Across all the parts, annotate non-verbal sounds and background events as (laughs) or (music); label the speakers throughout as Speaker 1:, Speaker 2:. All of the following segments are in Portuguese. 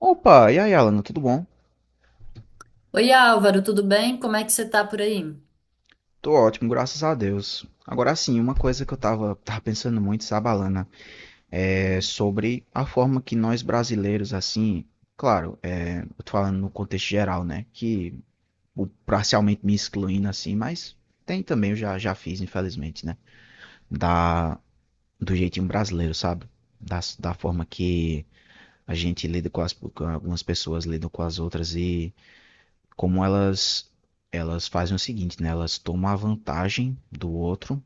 Speaker 1: Opa, e aí, Alana, tudo bom?
Speaker 2: Oi, Álvaro, tudo bem? Como é que você tá por aí?
Speaker 1: Tô ótimo, graças a Deus. Agora sim, uma coisa que eu tava pensando muito, sabe, Alana, é sobre a forma que nós brasileiros, assim, claro, eu tô falando no contexto geral, né, que parcialmente me excluindo, assim, mas tem também, já fiz, infelizmente, né, da, do jeitinho brasileiro, sabe, da forma que a gente lida com algumas pessoas lidam com as outras e como elas fazem o seguinte, né? Elas tomam a vantagem do outro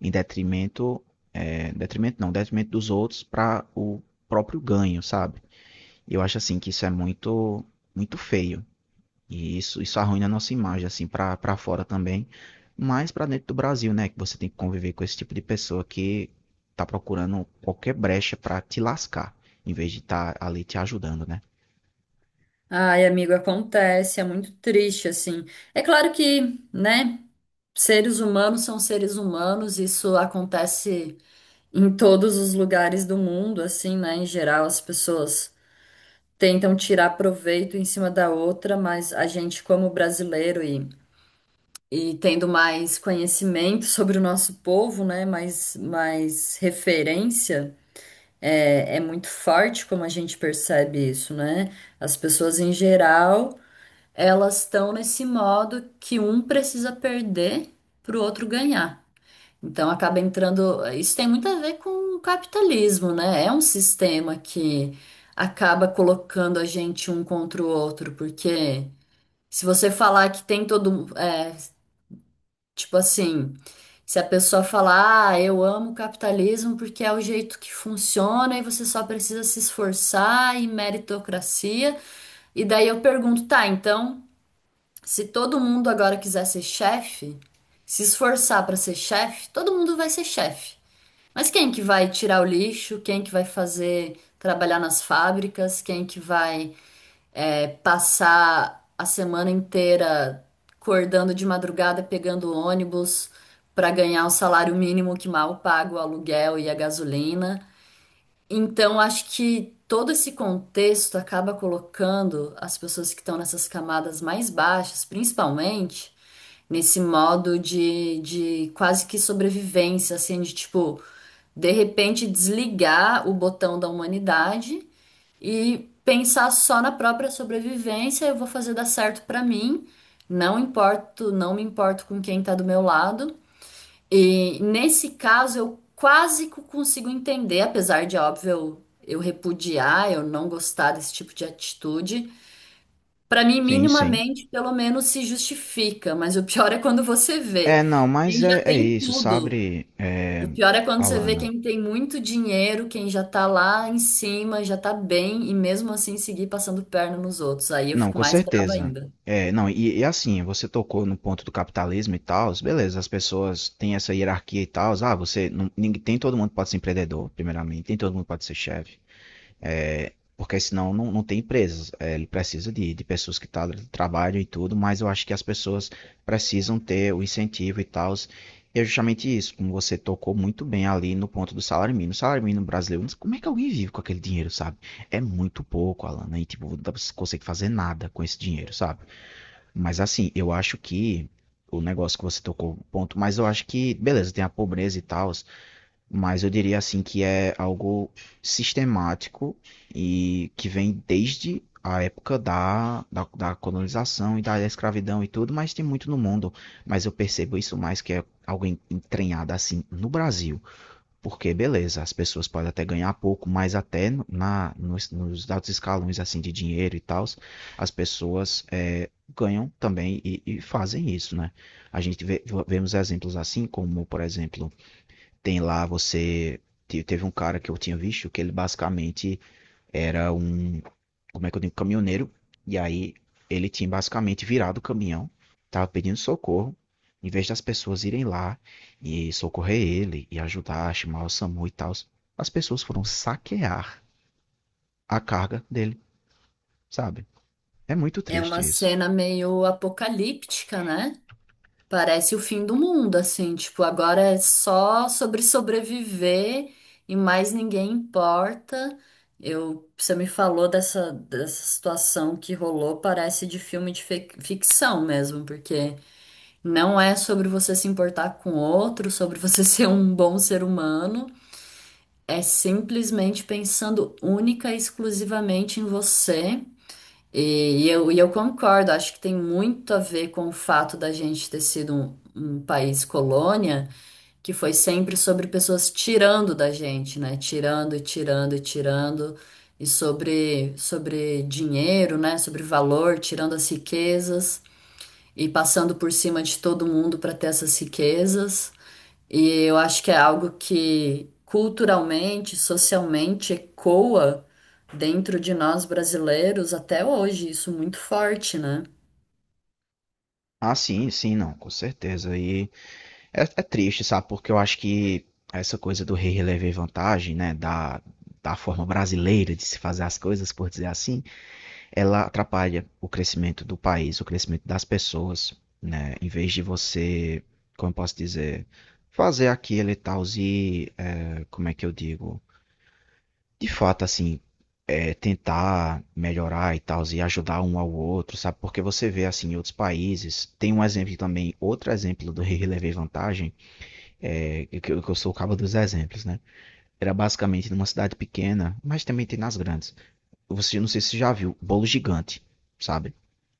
Speaker 1: em detrimento não, detrimento dos outros para o próprio ganho, sabe? Eu acho assim que isso é muito feio e isso arruina a nossa imagem assim para fora também, mas para dentro do Brasil, né? Que você tem que conviver com esse tipo de pessoa que tá procurando qualquer brecha para te lascar, em vez de estar ali te ajudando, né?
Speaker 2: Ai, amigo, acontece, é muito triste, assim. É claro que, né, seres humanos são seres humanos, isso acontece em todos os lugares do mundo, assim, né, em geral, as pessoas tentam tirar proveito em cima da outra, mas a gente, como brasileiro e tendo mais conhecimento sobre o nosso povo, né, mais referência. É muito forte como a gente percebe isso, né? As pessoas em geral, elas estão nesse modo que um precisa perder para o outro ganhar. Então acaba entrando. Isso tem muito a ver com o capitalismo, né? É um sistema que acaba colocando a gente um contra o outro, porque se você falar que tem todo, é, tipo assim, se a pessoa falar, ah, eu amo o capitalismo porque é o jeito que funciona e você só precisa se esforçar e meritocracia. E daí eu pergunto, tá, então, se todo mundo agora quiser ser chefe, se esforçar para ser chefe, todo mundo vai ser chefe. Mas quem que vai tirar o lixo? Quem que vai fazer trabalhar nas fábricas? Quem que vai passar a semana inteira acordando de madrugada, pegando ônibus para ganhar o salário mínimo que mal paga o aluguel e a gasolina. Então, acho que todo esse contexto acaba colocando as pessoas que estão nessas camadas mais baixas, principalmente, nesse modo de quase que sobrevivência, assim, de tipo, de repente desligar o botão da humanidade e pensar só na própria sobrevivência, eu vou fazer dar certo pra mim, não importo, não me importo com quem tá do meu lado. E nesse caso eu quase que consigo entender, apesar de óbvio eu repudiar, eu não gostar desse tipo de atitude. Pra mim,
Speaker 1: Sim, sim.
Speaker 2: minimamente, pelo menos se justifica, mas o pior é quando você
Speaker 1: É,
Speaker 2: vê.
Speaker 1: não, mas
Speaker 2: Quem
Speaker 1: é,
Speaker 2: já
Speaker 1: é
Speaker 2: tem
Speaker 1: isso,
Speaker 2: tudo,
Speaker 1: sabe, é,
Speaker 2: o pior é quando você vê
Speaker 1: Alana?
Speaker 2: quem tem muito dinheiro, quem já tá lá em cima, já tá bem, e mesmo assim seguir passando perna nos outros. Aí eu
Speaker 1: Não,
Speaker 2: fico
Speaker 1: com
Speaker 2: mais braba
Speaker 1: certeza.
Speaker 2: ainda.
Speaker 1: É, não, e assim, você tocou no ponto do capitalismo e tal, beleza, as pessoas têm essa hierarquia e tal, ah, você, não, ninguém, tem todo mundo pode ser empreendedor, primeiramente, tem todo mundo pode ser chefe. É, porque senão não tem empresas. É, ele precisa de pessoas que tá, trabalham e tudo, mas eu acho que as pessoas precisam ter o incentivo e tal. E é justamente isso, como você tocou muito bem ali no ponto do salário mínimo. O salário mínimo brasileiro, como é que alguém vive com aquele dinheiro, sabe? É muito pouco, Alan, né? E tipo, não consegue fazer nada com esse dinheiro, sabe? Mas assim, eu acho que o negócio que você tocou, ponto, mas eu acho que, beleza, tem a pobreza e tal, mas eu diria assim que é algo sistemático e que vem desde a época da colonização e da escravidão e tudo, mas tem muito no mundo. Mas eu percebo isso mais que é algo entranhado assim no Brasil. Porque, beleza, as pessoas podem até ganhar pouco, mas até nos altos escalões assim de dinheiro e tal, as pessoas ganham também e fazem isso, né? A gente vê, vemos exemplos assim, como, por exemplo, tem lá você. Teve um cara que eu tinha visto que ele basicamente era um. Como é que eu digo? Caminhoneiro. E aí ele tinha basicamente virado o caminhão, tava pedindo socorro. Em vez das pessoas irem lá e socorrer ele e ajudar, chamar o SAMU e tal, as pessoas foram saquear a carga dele, sabe? É muito
Speaker 2: É uma
Speaker 1: triste isso.
Speaker 2: cena meio apocalíptica, né? Parece o fim do mundo, assim, tipo, agora é só sobre sobreviver e mais ninguém importa. Você me falou dessa situação que rolou, parece de filme de ficção mesmo, porque não é sobre você se importar com o outro, sobre você (laughs) ser um bom ser humano. É simplesmente pensando única e exclusivamente em você. E eu concordo, acho que tem muito a ver com o fato da gente ter sido um país colônia, que foi sempre sobre pessoas tirando da gente, né? Tirando e tirando e tirando. E sobre dinheiro, né? Sobre valor, tirando as riquezas e passando por cima de todo mundo para ter essas riquezas. E eu acho que é algo que culturalmente, socialmente ecoa dentro de nós brasileiros até hoje, isso muito forte, né?
Speaker 1: Ah, sim, sim, não, com certeza. E É, é triste, sabe? Porque eu acho que essa coisa do rei relever vantagem, né? Da forma brasileira de se fazer as coisas, por dizer assim, ela atrapalha o crescimento do país, o crescimento das pessoas, né? Em vez de você, como eu posso dizer, fazer aquilo e tal, e, é, como é que eu digo? De fato, assim, é, tentar melhorar e tal, e ajudar um ao outro, sabe? Porque você vê, assim, em outros países, tem um exemplo também, outro exemplo do rei relever vantagem, que eu sou o cabo dos exemplos, né? Era basicamente numa cidade pequena, mas também tem nas grandes. Você Não sei se você já viu, bolo gigante, sabe?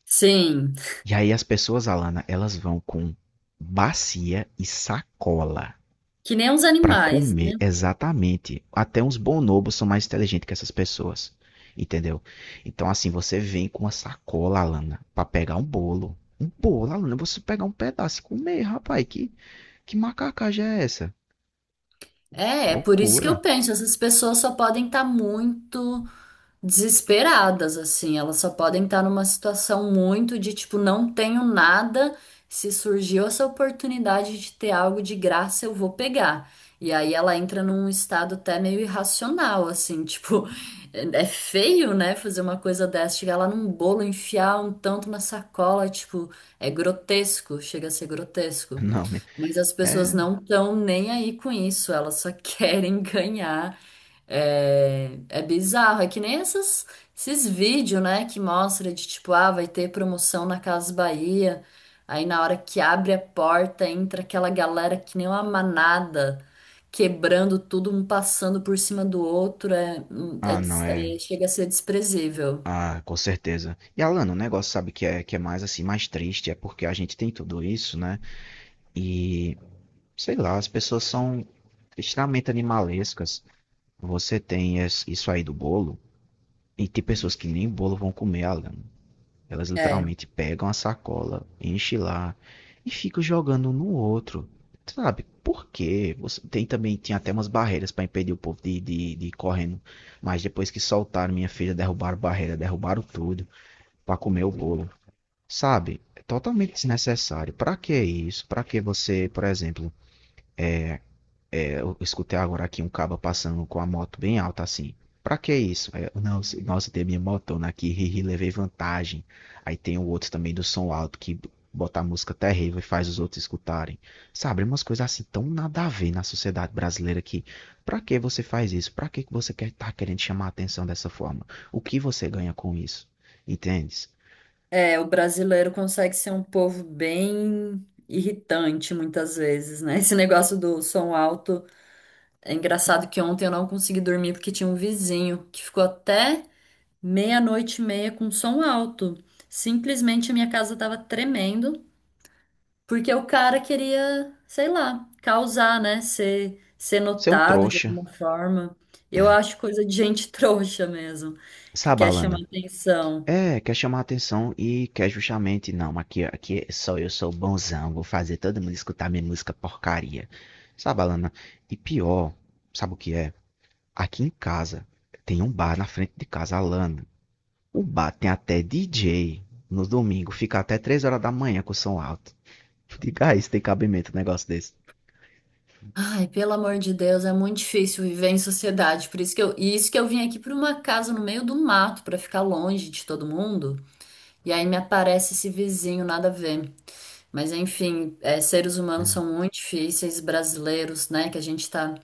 Speaker 2: Sim,
Speaker 1: E aí as pessoas, Alana, elas vão com bacia e sacola
Speaker 2: que nem os
Speaker 1: para
Speaker 2: animais, né?
Speaker 1: comer exatamente. Até uns bonobos são mais inteligentes que essas pessoas, entendeu? Então assim, você vem com uma sacola, Alana, para pegar um bolo. Um bolo, Alana, você pegar um pedaço e comer, rapaz, que macacagem é essa?
Speaker 2: É, é por isso que eu
Speaker 1: Loucura.
Speaker 2: penso, essas pessoas só podem estar muito desesperadas, assim. Elas só podem estar numa situação muito de tipo, não tenho nada. Se surgiu essa oportunidade de ter algo de graça, eu vou pegar. E aí ela entra num estado até meio irracional, assim, (laughs) tipo, é é feio, né? Fazer uma coisa dessa, chegar lá num bolo, enfiar um tanto na sacola, tipo, é grotesco, chega a ser
Speaker 1: (laughs)
Speaker 2: grotesco.
Speaker 1: Não, minha,
Speaker 2: Mas as pessoas
Speaker 1: é.
Speaker 2: não estão nem aí com isso, elas só (laughs) querem ganhar. É, é bizarro, é que nem esses vídeos, né, que mostra de tipo, ah, vai ter promoção na Casa Bahia. Aí na hora que abre a porta, entra aquela galera que nem uma manada, quebrando tudo, um passando por cima do outro, é, é
Speaker 1: Ah, não, é.
Speaker 2: chega a ser desprezível.
Speaker 1: Ah, com certeza. E Alan, o negócio sabe que é mais assim, mais triste, é porque a gente tem tudo isso, né? E sei lá, as pessoas são extremamente animalescas. Você tem isso aí do bolo, e tem pessoas que nem bolo vão comer, Alan. Elas
Speaker 2: É,
Speaker 1: literalmente pegam a sacola, enchem lá e ficam jogando um no outro. Sabe? Por quê? Você, tem também, tinha até umas barreiras para impedir o povo de ir correndo. Mas depois que soltaram minha filha, derrubaram barreira, derrubaram tudo para comer o bolo. Sabe? É totalmente desnecessário. Para que isso? Para que você, por exemplo, eu escutei agora aqui um caba passando com a moto bem alta assim. Pra que isso? Aí eu, não, nossa, tem a minha motona aqui, ri, levei vantagem. Aí tem o outro também do som alto que bota a música terrível e faz os outros escutarem. Sabe, umas coisas assim tão nada a ver na sociedade brasileira que pra que você faz isso? Pra que você quer tá querendo chamar a atenção dessa forma? O que você ganha com isso? Entendes?
Speaker 2: o brasileiro consegue ser um povo bem irritante muitas vezes, né? Esse negócio do som alto. É engraçado que ontem eu não consegui dormir porque tinha um vizinho que ficou até meia-noite e meia com som alto. Simplesmente a minha casa tava tremendo, porque o cara queria, sei lá, causar, né? Ser
Speaker 1: Você é um
Speaker 2: notado de
Speaker 1: trouxa,
Speaker 2: alguma forma. Eu
Speaker 1: é.
Speaker 2: acho coisa de gente (laughs) trouxa mesmo, que
Speaker 1: Sabe,
Speaker 2: quer
Speaker 1: Alana?
Speaker 2: chamar atenção.
Speaker 1: É, quer chamar atenção e quer justamente, não, aqui só eu sou bonzão, vou fazer todo mundo escutar minha música porcaria. Sabe, Alana? E pior, sabe o que é? Aqui em casa tem um bar na frente de casa, Alana. O bar tem até DJ no domingo, fica até 3 horas da manhã com o som alto. Diga aí se tem cabimento um negócio desse.
Speaker 2: Ai, pelo amor de Deus, é muito difícil viver em sociedade. Por isso que eu, e isso que eu vim aqui para uma casa no meio do mato, para ficar longe de todo mundo. E aí me aparece esse vizinho, nada a ver. Mas enfim, é, seres humanos são
Speaker 1: É.
Speaker 2: muito difíceis, brasileiros, né? Que a gente está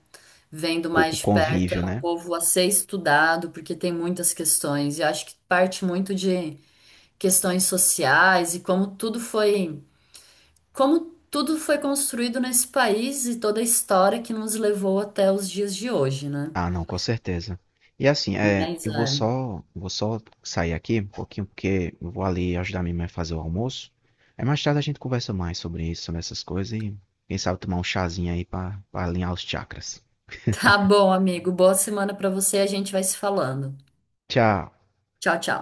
Speaker 2: vendo
Speaker 1: Com
Speaker 2: mais de perto,
Speaker 1: convívio,
Speaker 2: é um
Speaker 1: né?
Speaker 2: povo a ser estudado, porque tem muitas questões. E eu acho que parte muito de questões sociais e como tudo foi construído nesse país e toda a história que nos levou até os dias de hoje, né?
Speaker 1: Ah, não, com certeza. E assim, é,
Speaker 2: Mas é.
Speaker 1: vou só sair aqui um pouquinho, porque eu vou ali ajudar minha mãe a fazer o almoço. Aí mais tarde a gente conversa mais sobre isso, sobre essas coisas e quem sabe tomar um chazinho aí pra alinhar os chakras.
Speaker 2: Tá bom, amigo. Boa semana para você. A gente vai se falando.
Speaker 1: Tchau.
Speaker 2: Tchau, tchau.